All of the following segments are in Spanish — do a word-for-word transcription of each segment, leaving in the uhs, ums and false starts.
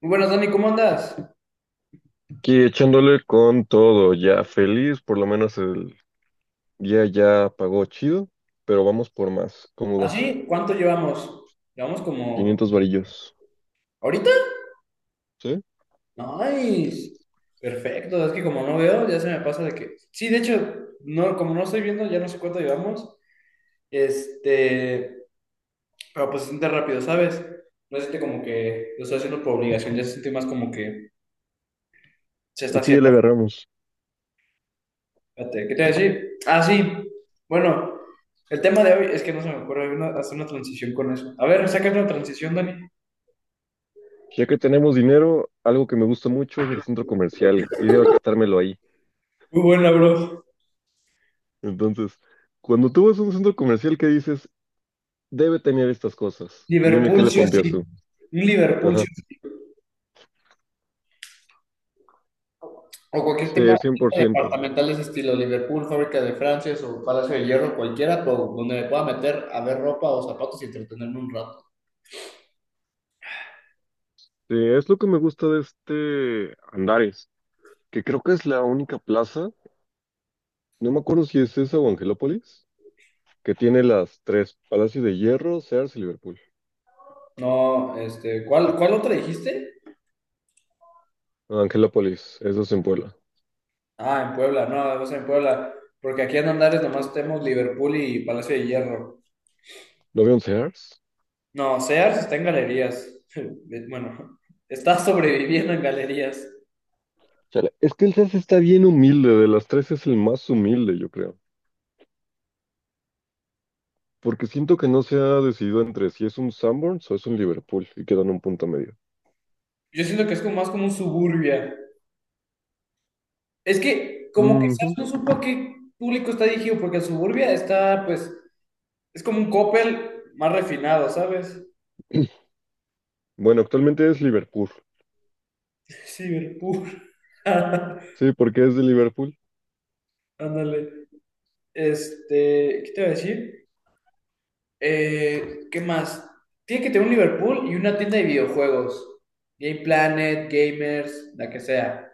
Muy buenas, Dani, ¿cómo andas? Aquí echándole con todo, ya feliz, por lo menos el día ya pagó chido, pero vamos por más. ¿Cómo vas? ¿Así? ¿Cuánto llevamos? Llevamos como... quinientos varillos, ¿Ahorita? ¿sí? Nice. Perfecto, es que como no veo, ya se me pasa de que... Sí, de hecho, no, como no estoy viendo, ya no sé cuánto llevamos. Este... Pero pues se siente rápido, ¿sabes? No se siente como que lo estoy haciendo por obligación, ya se siente más como que se está Es que ya le haciendo. agarramos. Fíjate, ¿qué te voy a decir? Ah, sí. Bueno, el tema de hoy es que no se me ocurre una- hacer una transición con eso. A ver, saca una transición, Dani. Ya que tenemos dinero, algo que me gusta mucho es el centro comercial y debo gastármelo ahí. Muy buena, bro. Entonces, cuando tú vas a un centro comercial que dices, debe tener estas cosas, dime qué Liverpool le sí o pondrías sí. tú. Un Liverpool sí Ajá. o sí. O cualquier Sí, tema cien por ciento. departamental de ese estilo. Liverpool, Fábrica de Francia o Palacio de Hierro, cualquiera, pero donde me pueda meter a ver ropa o zapatos y entretenerme un rato. Sí, es lo que me gusta de este Andares, que creo que es la única plaza. No me acuerdo si es esa o Angelópolis, que tiene las tres, Palacio de Hierro, Sears y Liverpool. No, este, ¿cuál, cuál otra dijiste? Angelópolis, eso es en Puebla. Ah, en Puebla, no, o sea, en Puebla. Porque aquí en Andares nomás tenemos Liverpool y Palacio de Hierro. ¿No veo un Sears? No, Sears está en galerías. Bueno, está sobreviviendo en galerías. Chale, es que el Sears está bien humilde, de las tres es el más humilde, yo creo. Porque siento que no se ha decidido entre si es un Sanborns o es un Liverpool y quedan un punto medio. Yo siento que es como más como un suburbia. Es que como que Sars Ujú. no supo a qué público está dirigido, porque Suburbia está, pues, es como un Coppel más refinado, ¿sabes? Bueno, actualmente es Liverpool. Cyberpunk. Sí, porque es de Liverpool. Ándale. Este, ¿qué te iba a decir? Eh, ¿qué más? Tiene que tener un Liverpool y una tienda de videojuegos. Game Planet, Gamers, la que sea.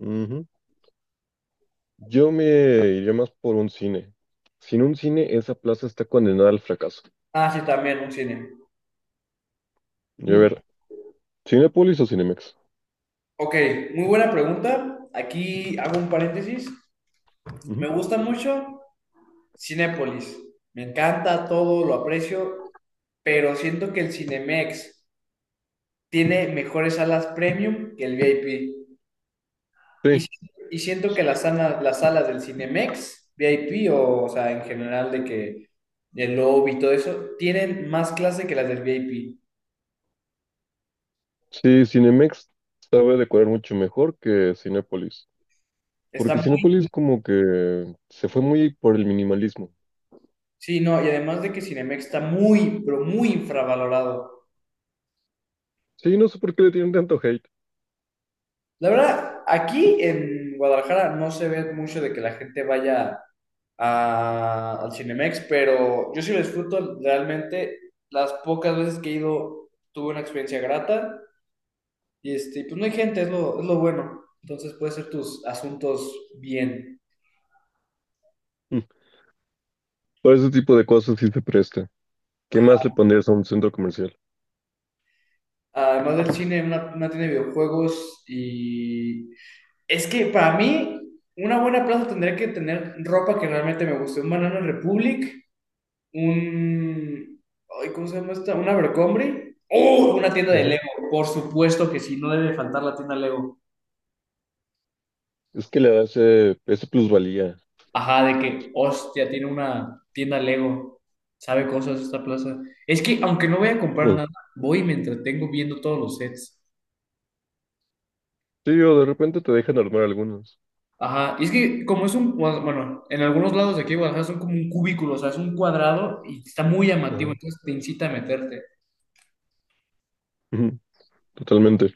Ujú. Yo me iría más por un cine. Sin un cine, esa plaza está condenada al fracaso. Ah, sí, también un cine. Y a Mm. ver, ¿Cinépolis o Cinemex? Ok, muy buena pregunta. Aquí hago un paréntesis. Ujú. Me gusta mucho Cinépolis. Me encanta todo, lo aprecio, pero siento que el Cinemex tiene mejores salas premium que el V I P. Y, Sí, si- y siento que las, sana- las salas del Cinemex, V I P o, o sea, en general de que el lobby y todo eso, tienen más clase que las del V I P. sí, Cinemex sabe decorar mucho mejor que Cinépolis, Está porque muy, Cinépolis como que se fue muy por el minimalismo. sí, no, y además de que Cinemex está muy, pero muy infravalorado. Sí, no sé por qué le tienen tanto hate. La verdad, aquí en Guadalajara no se ve mucho de que la gente vaya a- al Cinemex, pero yo sí lo disfruto realmente. Las pocas veces que he ido tuve una experiencia grata y este, pues no hay gente, es lo, es lo bueno. Entonces puedes hacer tus asuntos bien. Mm, para ese tipo de cosas sí se presta. ¿Qué más Ajá. le pondrías a un centro comercial? Además del cine, una, una tienda de videojuegos y... Es que para mí, una buena plaza tendría que tener ropa que realmente me guste. Un Banana Republic. un, ay, ¿cómo se llama esta? ¿Un Abercrombie? ¡Oh! Una tienda de Ujú. Lego. Por supuesto que sí, no debe faltar la tienda Lego. Es que le da ese, ese plusvalía. Ajá, de que, hostia, tiene una tienda Lego. Sabe cosas esta plaza. Es que, aunque no voy a comprar Mm. nada, voy y me entretengo viendo todos los sets. Sí, o de repente te dejan armar algunos. Ajá, y es que como es un, bueno, en algunos lados de aquí de Guadalajara son como un cubículo, o sea, es un cuadrado y está muy llamativo, Ajá. entonces te incita a meterte. Ujú, totalmente.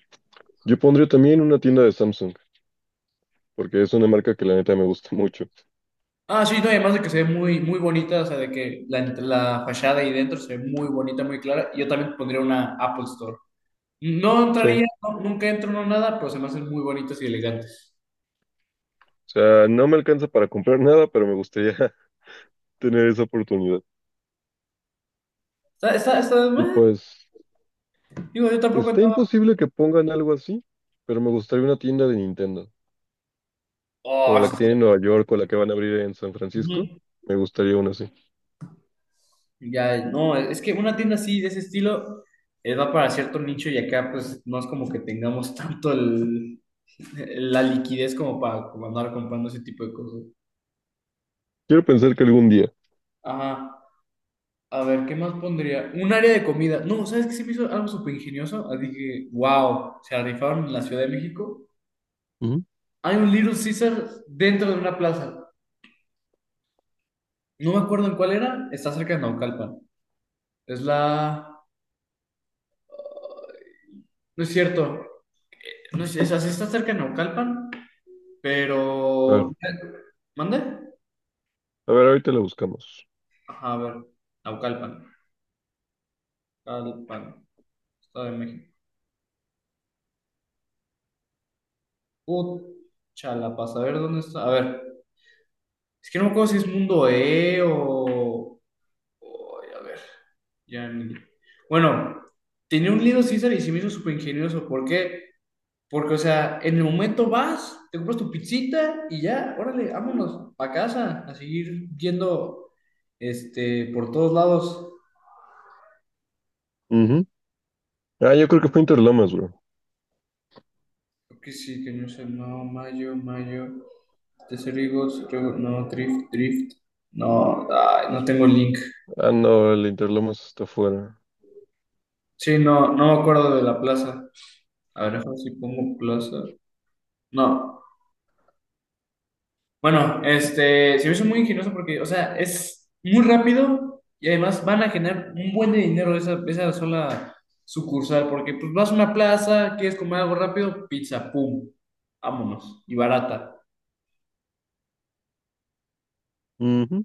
Yo pondría también una tienda de Samsung, porque es una marca que la neta me gusta mucho. Ah, sí, no, y además de que se ve muy, muy bonita, o sea, de que la, ent- la fachada ahí dentro se ve muy bonita, muy clara. Yo también pondría una Apple Store. No Sí, o entraría, no- nunca entro, no nada, pero se me hacen muy bonitas y elegantes. sea, no me alcanza para comprar nada, pero me gustaría tener esa oportunidad. Está, está, está, Y meh. pues, Digo, yo tampoco está entraba. imposible que pongan algo así, pero me gustaría una tienda de Nintendo, como Oh, la sí, que tiene en está- Nueva York o la que van a abrir en San ujú. Francisco. Me gustaría una así. Ya, no, es que una tienda así, de ese estilo, eh, va para cierto nicho y acá, pues, no es como que tengamos tanto el- la liquidez como para como andar comprando ese tipo de cosas. Quiero pensar que algún día. Ajá. A ver, ¿qué más pondría? Un área de comida. No, ¿sabes qué se me hizo algo súper ingenioso? Así que, wow, se rifaron en la Ciudad de México. Ujú. Hay un Little Caesar dentro de una plaza. No me acuerdo en cuál era. Está cerca de Naucalpan. Es la... No es cierto. No es... o sea, sí está cerca de Naucalpan, A pero... ver, ¿Mande? a ver, ahorita la buscamos. Ajá, a ver. Naucalpan. Naucalpan. Estado de México. Pucha, la pasa. A ver, ¿dónde está? A ver. Es que no me acuerdo si es Mundo E o... o- ay, a ver. Ya, ni- Bueno, tenía un Little Caesar y se me hizo súper ingenioso. ¿Por qué? Porque, o sea, en el momento vas, te compras tu pizzita y ya, órale, vámonos a casa, a seguir yendo este, por todos lados. Ujú. Ah, yo creo que fue Interlomas, bro. Creo que sí, que no sé, no, mayo, mayo, Tesserigos, no, Drift, Drift. No, ay, no tengo link. Ah, no, el Interlomas está afuera. Sí, no, no me acuerdo de la plaza. A ver, déjame ver si pongo plaza. No. Bueno, este, se me hizo muy ingenioso porque, o sea, es muy rápido y además van a generar un buen de dinero esa, esa sola sucursal, porque pues vas a una plaza, quieres comer algo rápido, pizza, pum, vámonos, y barata. Ujú.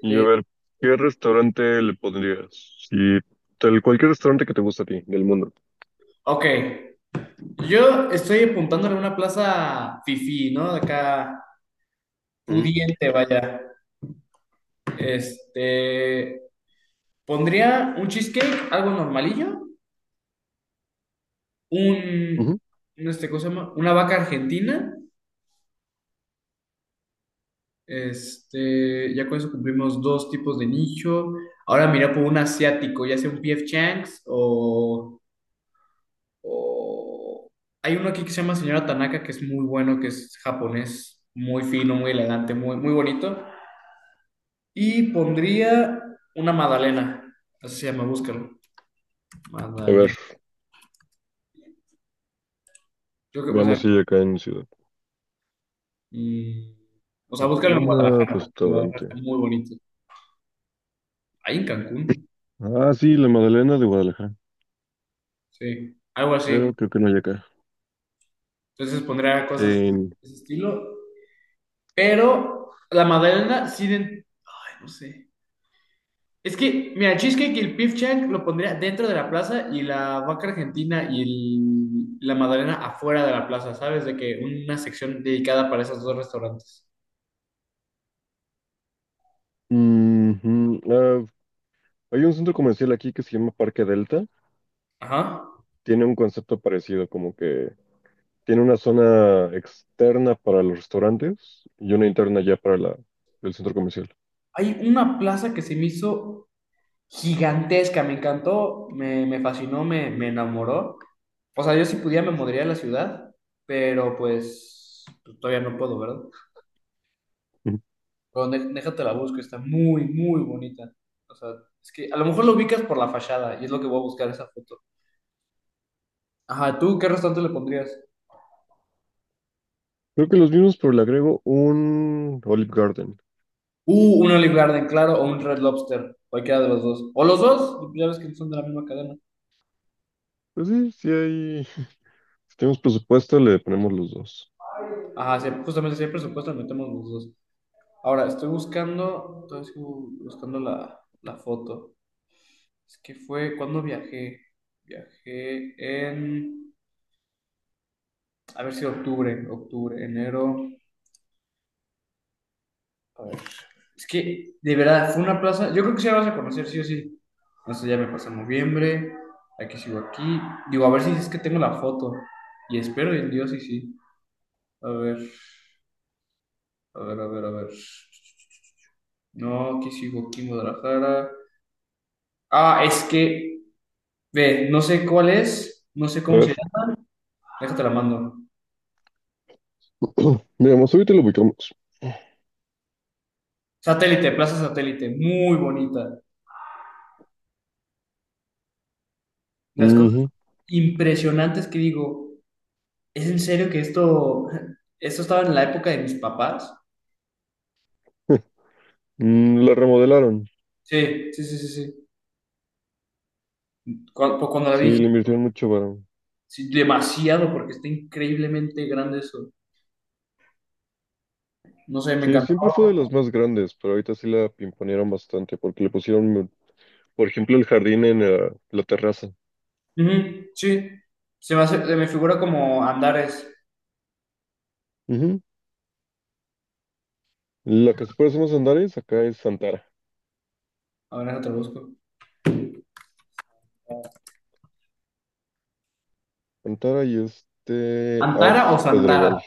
Y a ver, ¿qué restaurante le pondrías? Si tal cualquier restaurante que te guste a ti, del mundo. ok, yo estoy apuntándole a una plaza fifí, ¿no? De acá, Ujú, pudiente, vaya. Este, pondría un cheesecake, algo normalillo, un, ujú. un, este, ¿cómo se llama? Una vaca argentina. Este, ya con eso cumplimos dos tipos de nicho. Ahora mira por un asiático, ya sea un P F Chang's o, o- hay uno aquí que se llama Señora Tanaka, que es muy bueno, que es japonés, muy fino, muy elegante, muy, muy bonito. Y pondría una Madalena, así se llama, búscalo. A ver, Madalena. Yo creo que, o sea, veamos si hay acá en Ciudad. mm, o sea, búscalo en Magdalena, Guadalajara, porque Guadalajara está restaurante. muy bonito. Ahí en Cancún, Ah, sí, la Magdalena de Guadalajara, sí, algo así. pero creo que no hay acá. Entonces pondría cosas de En. ese estilo. Pero la Magdalena sí. den- Ay, no sé. Es que, mira, Cheesecake y el beef Chang lo pondría dentro de la plaza y la vaca argentina y el- la Magdalena afuera de la plaza, ¿sabes? De que una sección dedicada para esos dos restaurantes. Ujú, ah, hay un centro comercial aquí que se llama Parque Delta. Ajá. Tiene un concepto parecido, como que tiene una zona externa para los restaurantes y una interna ya para la, el centro comercial. Hay una plaza que se me hizo gigantesca, me encantó, me, me fascinó, me, me enamoró. O sea, yo si pudiera me mudaría a la ciudad, pero pues pues, todavía no puedo, ¿verdad? Pero dé- déjate la busco, está muy, muy bonita. O sea, es que a lo mejor lo ubicas por la fachada y es lo que voy a buscar esa foto. Ajá, ¿tú qué restaurante le pondrías? Creo que los mismos, pero le agrego un Olive Garden. Uh, un Olive Garden, claro, o un Red Lobster, cualquiera de los dos. O los dos, ya ves que son de la misma cadena. Pues sí, sí hay. Si tenemos presupuesto, le ponemos los dos. Ajá, sí, justamente si hay presupuesto, metemos los dos. Ahora, estoy buscando, estoy buscando la, la foto. Es que fue, ¿cuándo viajé? Viajé en, a ver si octubre, octubre, enero. Es que, de verdad, fue una plaza. Yo creo que sí la vas a conocer, sí o sí. No sé, ya me pasó noviembre. Aquí sigo aquí. Digo, a ver si es que tengo la foto. Y espero en Dios y sí. A ver, a ver, a ver, a ver. No, aquí sigo aquí en Guadalajara. Ah, es que, ve, no sé cuál es, no sé A cómo ver, se llama. Déjate la mando. veamos ahorita lo ubicamos. Satélite, Plaza Satélite, muy bonita. Las cosas Ujú. impresionantes que digo, ¿es en serio que esto, esto estaba en la época de mis papás? Mm, la remodelaron. Sí, sí, sí, sí, sí. Cuando, pues, cuando la Sí, vi dije, le invirtieron mucho varón. sí, demasiado, porque está increíblemente grande eso. No sé, me Sí, encantó. siempre fue de las más grandes, pero ahorita sí la pimponearon bastante porque le pusieron, por ejemplo, el jardín en eh, la terraza. Ujú, sí, se me hace- se me figura como Andares. Ujú. La que se parece más a Andares acá es Antara. A ver, te lo busco. Antara y este ¿Antara o Arts Santara? Pedregal.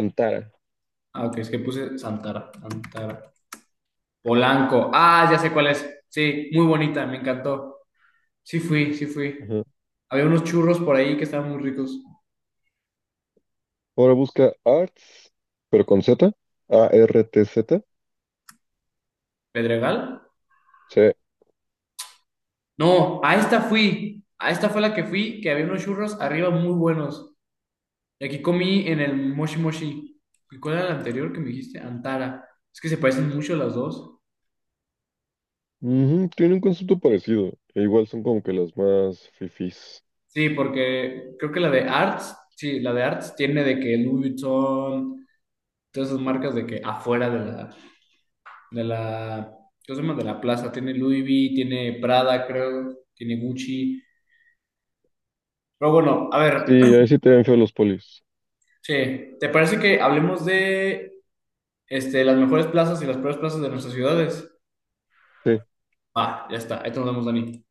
Antara. Ah, ok, es que puse Santara, Antara. Polanco. Ah, ya sé cuál es. Sí, muy bonita, me encantó. Sí fui, sí fui. Ajá. Había unos churros por ahí que estaban muy ricos. Ahora busca Arts, pero con Z, A R T Z. ¿Pedregal? Sí. No, a esta fui. A esta fue la que fui, que había unos churros arriba muy buenos. Y aquí comí en el Moshi Moshi. ¿Y cuál era el anterior que me dijiste? Antara. Es que se parecen mucho las dos. Ujú, tiene un concepto parecido, e igual son como que las más fifís. Sí, porque creo que la de Arts, sí, la de Arts tiene de que Louis Vuitton, todas esas marcas de que afuera de la, de la, ¿cómo se llama? De la plaza. Tiene Louis V, tiene Prada, creo, tiene Gucci. Pero bueno, a Sí, ver, ahí sí te ven feo los polis. che, ¿te parece que hablemos de este, las mejores plazas y las peores plazas de nuestras ciudades? Sí. Ah, ya está, ahí te nos vemos, Dani.